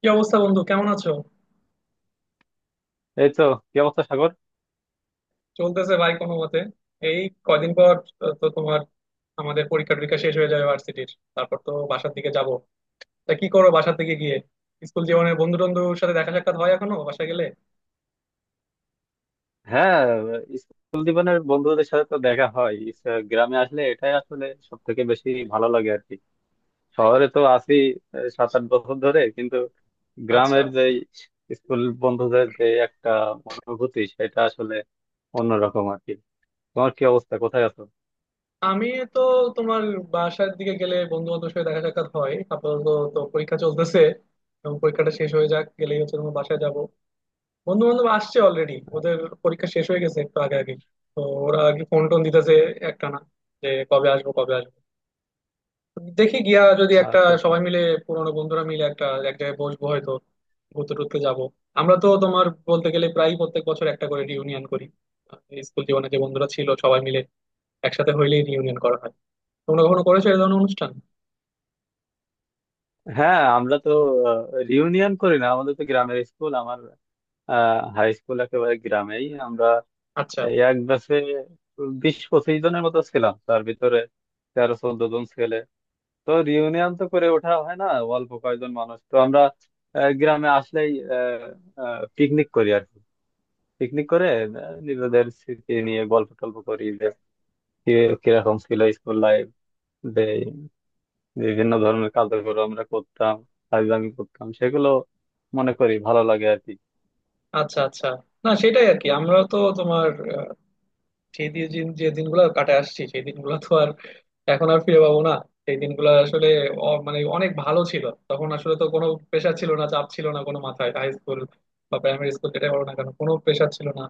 কি অবস্থা বন্ধু, কেমন আছো? এই তো। কি অবস্থা, সাগর? চলতেছে ভাই কোনো মতে। এই কয়দিন পর তো তোমার আমাদের পরীক্ষা টরীক্ষা শেষ হয়ে যাবে ভার্সিটির। তারপর তো বাসার দিকে যাব। তা কি করো বাসার দিকে গিয়ে? স্কুল জীবনের বন্ধু টন্ধুর সাথে দেখা সাক্ষাৎ হয় এখনো বাসায় গেলে? হ্যাঁ, স্কুল জীবনের বন্ধুদের সাথে তো দেখা হয়। গ্রামে আসলে এটাই আসলে সব থেকে বেশি ভালো লাগে আর কি। শহরে তো আছি 7-8 বছর ধরে, কিন্তু আচ্ছা। গ্রামের যে স্কুল বন্ধুদের যে একটা অনুভূতি সেটা আসলে অন্যরকম আর কি। তোমার কি অবস্থা, কোথায় আছো? আমি তো তোমার বাসার দিকে গেলে বন্ধু বান্ধবের সাথে দেখা সাক্ষাৎ হয় আপাতত। তো পরীক্ষা চলতেছে, এবং পরীক্ষাটা শেষ হয়ে যাক গেলেই হচ্ছে তোমার বাসায় যাব। বন্ধু বান্ধব আসছে অলরেডি, ওদের পরীক্ষা শেষ হয়ে গেছে একটু আগে আগে। তো ওরা আর কি ফোন টোন দিতেছে একটানা, যে কবে আসবো কবে আসবো। দেখি গিয়া যদি আচ্ছা একটা আচ্ছা। সবাই মিলে, পুরোনো বন্ধুরা মিলে একটা এক জায়গায় বসবো হয়তো, ঘুরতে টুরতে যাবো। আমরা তো তোমার বলতে গেলে প্রায় প্রত্যেক বছর একটা করে রিউনিয়ন করি। আহ, স্কুল জীবনে যে বন্ধুরা ছিল সবাই মিলে একসাথে হইলেই রিউনিয়ন করা হয়। তোমরা কখনো করেছো এই ধরনের অনুষ্ঠান? হ্যাঁ, আমরা তো রিউনিয়ন করি না, আমাদের তো গ্রামের স্কুল। আমার হাই স্কুল একেবারে গ্রামেই। আমরা আচ্ছা এই এক ব্যাচে 20-25 জনের মতো ছিলাম, তার ভিতরে 13-14 জন ছেলে। তো রিউনিয়ন তো করে ওঠা হয় না, অল্প কয়েকজন মানুষ তো আমরা। গ্রামে আসলেই পিকনিক করি আর কি। পিকনিক করে নিজেদের স্মৃতি নিয়ে গল্প টল্প করি যে কিরকম ছিল স্কুল লাইফ, যে বিভিন্ন ধরনের কার্যক্রম আমরা করতাম, ফাইজলামি করতাম, সেগুলো মনে করি ভালো লাগে আর কি। আচ্ছা আচ্ছা। না সেটাই আর কি, আমরা তো তোমার সেই দিয়ে যে যে দিনগুলো কাটে আসছি সেই দিনগুলো তো আর এখন আর ফিরে পাবো না। সেই দিনগুলো আসলে মানে অনেক ভালো ছিল, তখন আসলে তো কোনো প্রেশার ছিল না, চাপ ছিল না কোনো মাথায়। হাই স্কুল বা প্রাইমারি স্কুল যেটাই বলো না কেন, কোনো প্রেশার ছিল না।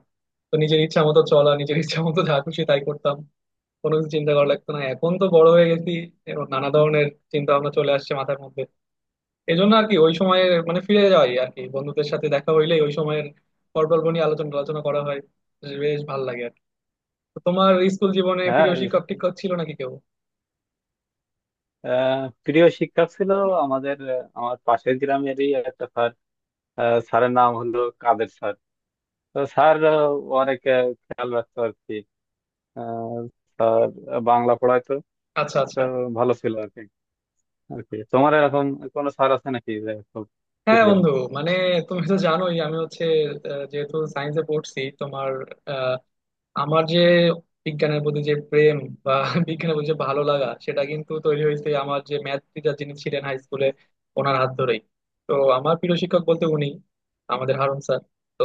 তো নিজের ইচ্ছা মতো চলা, নিজের ইচ্ছা মতো যা খুশি তাই করতাম, কোনো কিছু চিন্তা করা লাগতো না। এখন তো বড় হয়ে গেছি এবং নানা ধরনের চিন্তা ভাবনা চলে আসছে মাথার মধ্যে। এই জন্য আর কি ওই সময়ে মানে ফিরে যাই আর কি, বন্ধুদের সাথে দেখা হইলেই ওই সময়ের গল্প নিয়ে আলোচনা আলোচনা করা হয়, বেশ ভালো লাগে আর কি। তো তোমার স্কুল জীবনে হ্যাঁ। প্রিয় শিক্ষক টিক্ষক ছিল নাকি কেউ? আহ, প্রিয় শিক্ষক ছিল আমাদের। আমার পাশের গ্রামেরই একটা স্যার। স্যারের নাম হলো কাদের স্যার। তো স্যার অনেক খেয়াল রাখতো আর কি। আহ, বাংলা পড়াইতো। আচ্ছা তো আচ্ছা। ভালো ছিল আর কি। আর কি তোমার এরকম কোনো স্যার আছে নাকি যে খুব হ্যাঁ প্রিয়? বন্ধু, মানে তুমি তো জানোই আমি হচ্ছে যেহেতু সায়েন্সে পড়ছি তোমার, আমার যে বিজ্ঞানের প্রতি যে প্রেম বা বিজ্ঞানের প্রতি যে ভালো লাগা সেটা কিন্তু তৈরি হয়েছে আমার যে ম্যাথ টিচার যিনি ছিলেন হাই স্কুলে ওনার হাত ধরেই। তো আমার প্রিয় শিক্ষক বলতে উনি, আমাদের হারুন স্যার। তো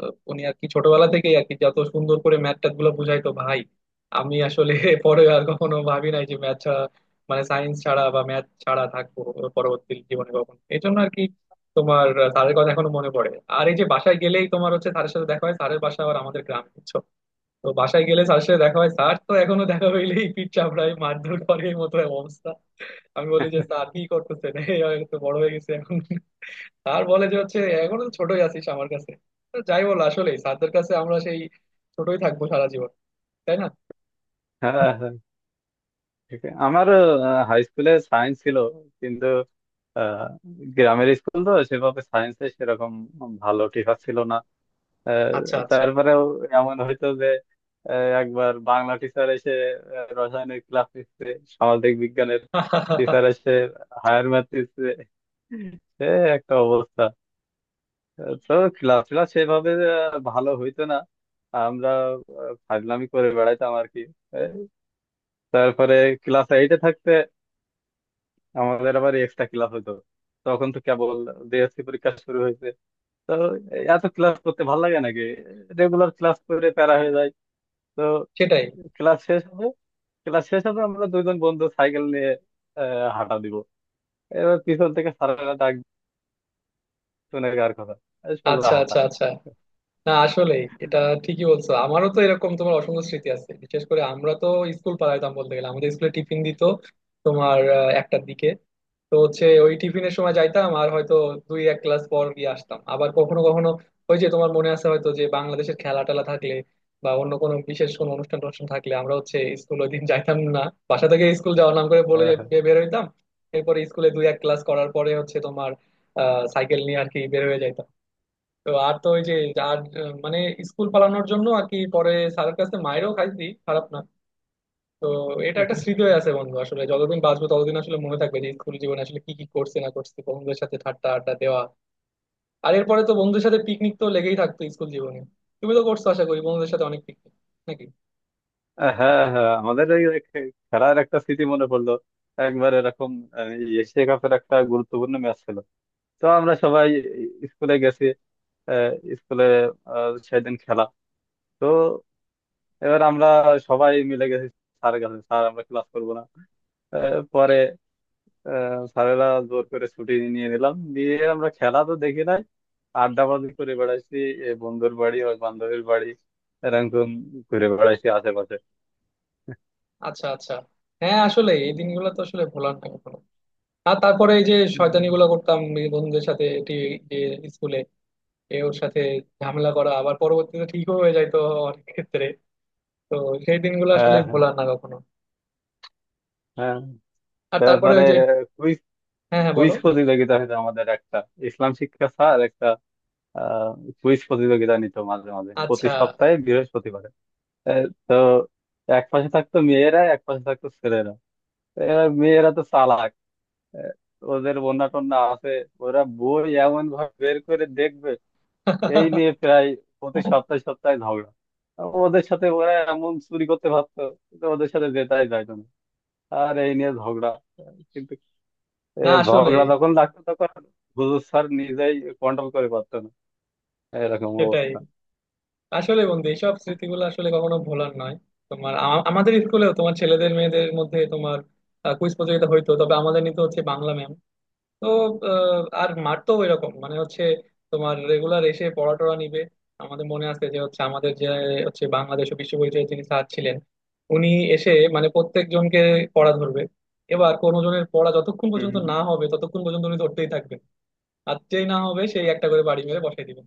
উনি আর কি ছোটবেলা থেকেই আর কি যত সুন্দর করে ম্যাথ ট্যাথ গুলো বুঝাইতো ভাই, আমি আসলে পরে আর কখনো ভাবি নাই যে ম্যাথ ছাড়া মানে সায়েন্স ছাড়া বা ম্যাথ ছাড়া থাকবো পরবর্তী জীবনে কখন। এই জন্য আর কি তোমার স্যারের কথা এখনো মনে পড়ে। আর এই যে বাসায় গেলেই তোমার হচ্ছে স্যারের সাথে দেখা হয়, স্যারের বাসা আবার আমাদের গ্রাম। তো বাসায় গেলে স্যারের সাথে দেখা হয়, স্যার তো এখনো দেখা হইলেই পিঠ চাপড়ায় মারধর করে এই মতো অবস্থা। আমি বলি যে স্যার কি করতেছেন এই আমি তো বড় হয়ে গেছে এখন। স্যার বলে যে হচ্ছে এখনো তো ছোটই আছিস আমার কাছে। তো যাই বল আসলে স্যারদের কাছে আমরা সেই ছোটই থাকবো সারা জীবন, তাই না? হ্যাঁ হ্যাঁ হ্যাঁ, ঠিক আছে। আমার হাই স্কুলে সায়েন্স ছিল, কিন্তু আহ, গ্রামের স্কুল তো সেভাবে সায়েন্সে সেরকম ভালো টিচার ছিল না। আচ্ছা আহ, আচ্ছা। তারপরেও এমন হইতো যে আহ, একবার বাংলা টিচার এসে রসায়নের ক্লাস নিচ্ছে, সামাজিক বিজ্ঞানের টিচার এসে হায়ার ম্যাথ দিচ্ছে। সে একটা অবস্থা। তো ক্লাস ক্লাস সেভাবে ভালো হইতো না। আমরা ফাজলামি করে বেড়াইতাম আর কি। আহ, তারপরে ক্লাস এইটে থাকতে আমাদের আবার এক্সট্রা ক্লাস হতো। তখন তো কেবল ডিএসসি পরীক্ষা শুরু হয়েছে। তো এত ক্লাস করতে ভালো লাগে নাকি, রেগুলার ক্লাস করে প্যারা হয়ে যায়। তো সেটাই। ক্লাস শেষ হবে, ক্লাস শেষ হবে আমরা দুজন বন্ধু সাইকেল নিয়ে হাঁটা দিব। এবার পিছন থেকে স্যারেরা ডাক শুনে কার কথা, এই সোজা আচ্ছা হাঁটা। আচ্ছা আচ্ছা। না আসলে এটা ঠিকই বলছো, আমারও তো এরকম তোমার অসংখ্য স্মৃতি আছে। বিশেষ করে আমরা তো স্কুল পালাইতাম বলতে গেলে, আমাদের স্কুলে টিফিন দিত তোমার একটার দিকে। তো হচ্ছে ওই টিফিনের সময় যাইতাম আর হয়তো দুই এক ক্লাস পর গিয়ে আসতাম। আবার কখনো কখনো ওই যে তোমার মনে আছে হয়তো, যে বাংলাদেশের খেলা টেলা থাকলে বা অন্য কোনো বিশেষ কোনো অনুষ্ঠান টনুষ্ঠান থাকলে আমরা হচ্ছে স্কুল ওই দিন যাইতাম না। বাসা থেকে স্কুল যাওয়ার নাম করে বলে হ্যাঁ হ্যাঁ। বের হইতাম। এরপরে স্কুলে দুই এক ক্লাস করার পরে হচ্ছে তোমার সাইকেল নিয়ে আর কি বের হয়ে যাইতাম। তো আর তো ওই যে আর মানে স্কুল পালানোর জন্য আর কি পরে স্যারের কাছে মাইরও খাইছি খারাপ না। তো এটা একটা স্মৃতি হয়ে আছে বন্ধু, আসলে যতদিন বাঁচবো ততদিন আসলে মনে থাকবে যে স্কুল জীবনে আসলে কি কি করছি না করছি, বন্ধুদের সাথে ঠাট্টা আড্ডা দেওয়া। আর এরপরে তো বন্ধুদের সাথে পিকনিক তো লেগেই থাকতো স্কুল জীবনে। তুমি তো করছো আশা করি বন্ধুদের সাথে অনেক পিকনিক, নাকি? হ্যাঁ হ্যাঁ, আমাদের খেলার একটা স্মৃতি মনে পড়লো। একবার এরকম আহ, এশিয়া কাপের একটা গুরুত্বপূর্ণ ম্যাচ ছিল। তো আমরা সবাই স্কুলে গেছি। আহ, স্কুলে সেদিন খেলা। তো এবার আমরা সবাই মিলে গেছি স্যারের কাছে, স্যার আমরা ক্লাস করবো না। পরে স্যারেরা জোর করে ছুটি নিয়ে নিলাম দিয়ে, আমরা খেলা তো দেখি নাই, আড্ডাবাজি করে বেড়াইছি। এ বন্ধুর বাড়ি, ওই বান্ধবীর বাড়ি এরকম ঘুরে বেড়াইছি আশেপাশে। আচ্ছা আচ্ছা। হ্যাঁ আসলে এই দিনগুলো তো আসলে ভোলার না কখনো। আর তারপরে এই যে শয়তানি গুলো হুম। করতাম এই বন্ধুদের সাথে, এটি যে স্কুলে এ ওর সাথে ঝামেলা করা আবার পরবর্তীতে ঠিকও হয়ে যায় তো অনেক ক্ষেত্রে। তো সেই দিনগুলো আসলে হ্যাঁ হ্যাঁ ভোলার না কখনো। হ্যাঁ। আর তারপরে তারপরে ওই যে কুইজ, হ্যাঁ হ্যাঁ বলো। কুইজ প্রতিযোগিতা হতো আমাদের একটা। ইসলাম শিক্ষা স্যার একটা আহ কুইজ প্রতিযোগিতা নিত মাঝে মাঝে, প্রতি আচ্ছা। সপ্তাহে বৃহস্পতিবারে। তো এক পাশে থাকতো মেয়েরা, এক পাশে থাকতো ছেলেরা। এবার মেয়েরা তো চালাক। আহ, ওদের বন্যা টন্যা আছে, ওরা বই এমন ভাবে বের করে দেখবে। এই নিয়ে প্রায় প্রতি সপ্তাহে সপ্তাহে ঝগড়া। আর ওদের সাথে ওরা এমন চুরি করতে পারতো, কিন্তু ওদের সাথে জেতাই যাইতো না, আর এই নিয়ে ঝগড়া। কিন্তু এ না আসলে ঝগড়া যখন লাগতো তখন হুজুর স্যার নিজেই কন্ট্রোল করে পারতো না, এরকম সেটাই অবস্থা। আসলে বন্ধু এইসব স্মৃতিগুলো আসলে কখনো ভোলার নয়। তোমার আমাদের স্কুলেও তোমার ছেলেদের মেয়েদের মধ্যে তোমার কুইজ প্রতিযোগিতা হইতো, তবে আমাদের নিতে হচ্ছে বাংলা ম্যাম। তো আর মারতো এরকম মানে হচ্ছে তোমার রেগুলার এসে পড়া টড়া নিবে। আমাদের মনে আছে যে হচ্ছে আমাদের যে হচ্ছে বাংলাদেশ ও বিশ্ব পরিচয়ের যিনি স্যার ছিলেন, উনি এসে মানে প্রত্যেক জনকে পড়া ধরবে। এবার কোনো জনের পড়া যতক্ষণ হুম পর্যন্ত হুম। না হবে ততক্ষণ পর্যন্ত উনি ধরতেই থাকবেন। আর যেই না হবে সেই একটা করে বাড়ি মেরে বসাই দিবেন।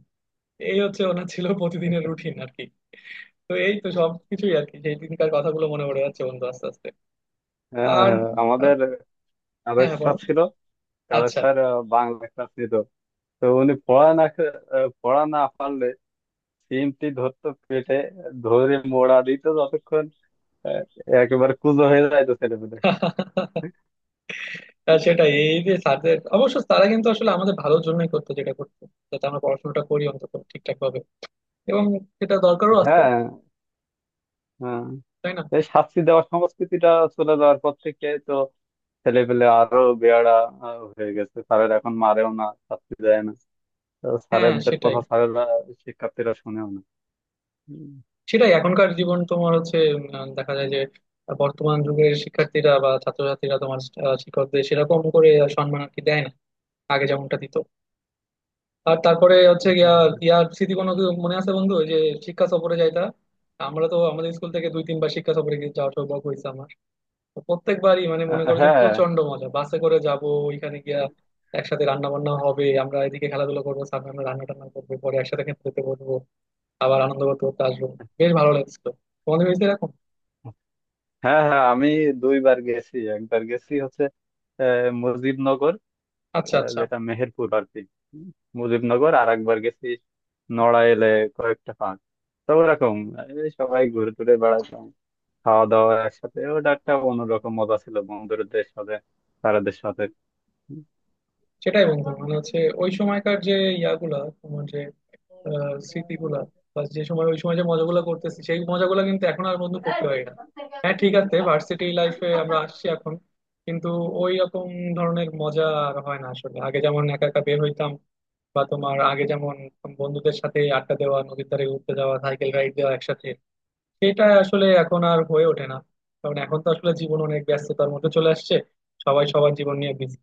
এই হচ্ছে ওনার ছিল প্রতিদিনের রুটিন আর কি। তো এই তো সবকিছুই আর কি সেই দিনকার কথাগুলো মনে পড়ে যাচ্ছে বন্ধু আস্তে আস্তে। হ্যাঁ, আর হ্যাঁ, আহ, আমাদের হ্যাঁ কাদের হ্যাঁ, বলো। স্যার ছিল। কাদের আচ্ছা। স্যার বাংলা ক্লাস নিত। তো উনি পড়া না পারলে সিমটি ধরতো পেটে, ধরে মোড়া দিত যতক্ষণ আহ, একেবারে কুঁজো হয়ে যাইতো ছেলেপেলে। আর সেটাই, এই যে স্যারদের অবশ্য তারা কিন্তু আসলে আমাদের ভালোর জন্যই করতো যেটা করতো, যাতে আমরা পড়াশোনাটা করি অন্তত ঠিকঠাক ভাবে, এবং সেটা দরকারও আছে, হ্যাঁ হ্যাঁ। তাই না? এই শাস্তি দেওয়ার সংস্কৃতিটা চলে যাওয়ার পর থেকে তো ছেলেপেলে আরো বেয়াড়া হয়ে গেছে। স্যারের এখন মারেও না, শাস্তি দেয় না। তো হ্যাঁ স্যারেদের সেটাই। কথা স্যারেরা, শিক্ষার্থীরা শুনেও না। উম, সেটাই এখনকার জীবন তোমার হচ্ছে দেখা যায় যে বর্তমান যুগের শিক্ষার্থীরা বা ছাত্রছাত্রীরা তোমার শিক্ষকদের সেরকম করে সম্মান আর কি দেয় না আগে যেমনটা দিত। আর তারপরে হচ্ছে গিয়া হ্যাঁ। ইয়ার স্মৃতি কোনো কি মনে আছে বন্ধু ওই যে শিক্ষা সফরে যাইতা? আমরা তো আমাদের স্কুল থেকে দুই তিনবার শিক্ষা সফরে গিয়ে যাওয়ার সৌভাগ্য হয়েছে আমার। তো প্রত্যেকবারই মানে মনে করো যে হ্যাঁ প্রচন্ড মজা, বাসে করে যাব ওইখানে গিয়া একসাথে রান্না বান্না হবে, আমরা এদিকে খেলাধুলা করবো, সামনে আমরা রান্না টান্না করবো পরে একসাথে খেতে যেতে বলবো, আবার আনন্দ করতে করতে আসবো। বেশ ভালো লাগছিল। তোমাদের হয়েছে এরকম? হ্যাঁ হ্যাঁ, আমি দুইবার গেছি। একবার গেছি হচ্ছে মুজিবনগর, আচ্ছা আচ্ছা। যেটা মেহেরপুর আর কি। হুম, মুজিবনগর। আর একবার গেছি নড়াইলে, কয়েকটা পার্ক। তো ওরকম এই সবাই ঘুরে টুরে বেড়াতাম, খাওয়া দাওয়া একসাথে, ওটা একটা অন্যরকম মজা ছিল বন্ধুদের সাথে, স্যারদের সাথে। সেটাই বন্ধু মানে হচ্ছে ওই সময়কার যে ইয়াগুলা তোমার যে স্মৃতিগুলা বা যে সময় ওই সময় যে মজাগুলো করতেছি সেই মজাগুলো কিন্তু এখন আর বন্ধু করতে পারি না। হ্যাঁ ঠিক আছে, ভার্সিটি লাইফে আমরা আসছি এখন কিন্তু ওই রকম ধরনের মজা আর হয় না আসলে। আগে যেমন একা একা বের হইতাম বা তোমার আগে যেমন বন্ধুদের সাথে আড্ডা দেওয়া, নদীর ধারে ঘুরতে যাওয়া, সাইকেল রাইড দেওয়া একসাথে, সেটা আসলে এখন আর হয়ে ওঠে না। কারণ এখন তো আসলে জীবন অনেক ব্যস্ততার মধ্যে চলে আসছে, সবাই সবার জীবন নিয়ে বিজি।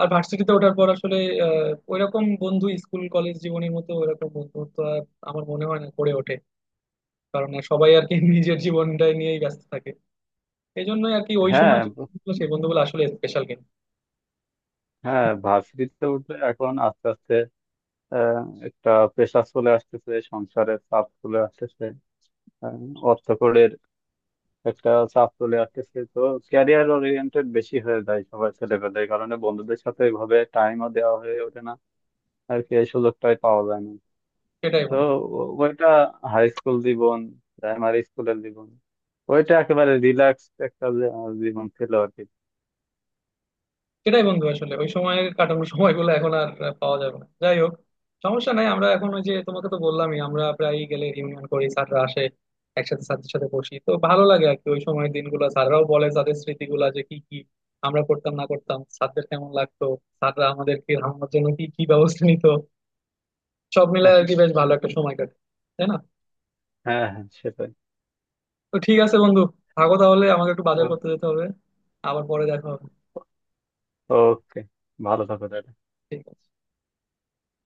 আর ভার্সিটিতে ওঠার পর আসলে ওইরকম বন্ধু স্কুল কলেজ জীবনের মতো ওইরকম বন্ধুত্ব আর আমার মনে হয় না গড়ে ওঠে। কারণ আর সবাই আর কি নিজের জীবনটাই নিয়েই ব্যস্ত থাকে। এই জন্যই আর কি ওই হ্যাঁ সময় যে ব- বন্ধুগুলো, সেই বন্ধুগুলো আসলে স্পেশাল কিন্তু। হ্যাঁ, ভার্সিটিতে উঠলে এখন আস্তে আস্তে আহ, একটা প্রেশার চলে আসতেছে, সংসারের চাপ চলে আসতেছে, আহ, অর্থকড়ির একটা চাপ চলে আসতেছে। তো ক্যারিয়ার ওরিয়েন্টেড বেশি হয়ে যায় সবার ছেলেপেলে, এই কারণে বন্ধুদের সাথে ওইভাবে টাইমও দেওয়া হয়ে ওঠে না, আর কি এই সুযোগটাই পাওয়া যায় না। সেটাই তো বন্ধু। ওইটা হাই স্কুল জীবন, প্রাইমারি স্কুলের জীবন, ওইটা একেবারে রিল্যাক্স একটা জীবন ছিল আর কি। সেটাই বন্ধু আসলে, ওই সময় কাটানোর সময়গুলো এখন আর পাওয়া যাবে না। যাই হোক সমস্যা নাই, আমরা এখন ওই যে তোমাকে তো বললামই আমরা প্রায় গেলে রিউনিয়ন করি, স্যাররা আসে, একসাথে স্যারদের সাথে বসি তো ভালো লাগে আর কি। ওই সময়ের দিনগুলো স্যাররাও বলে তাদের স্মৃতিগুলা, যে কি কি আমরা করতাম না করতাম, স্যারদের কেমন লাগতো, স্যাররা আমাদেরকে আমার জন্য কি কি ব্যবস্থা নিত। সব মিলে আর কি বেশ ভালো একটা সময় কাটে, তাই না? হ্যাঁ হ্যাঁ, সেটাই। তো ঠিক আছে বন্ধু, থাকো তাহলে, আমাকে একটু বাজার করতে যেতে হবে, আবার পরে দেখা হবে। ওকে, ভালো থাকো তাহলে। ঠিক আছে।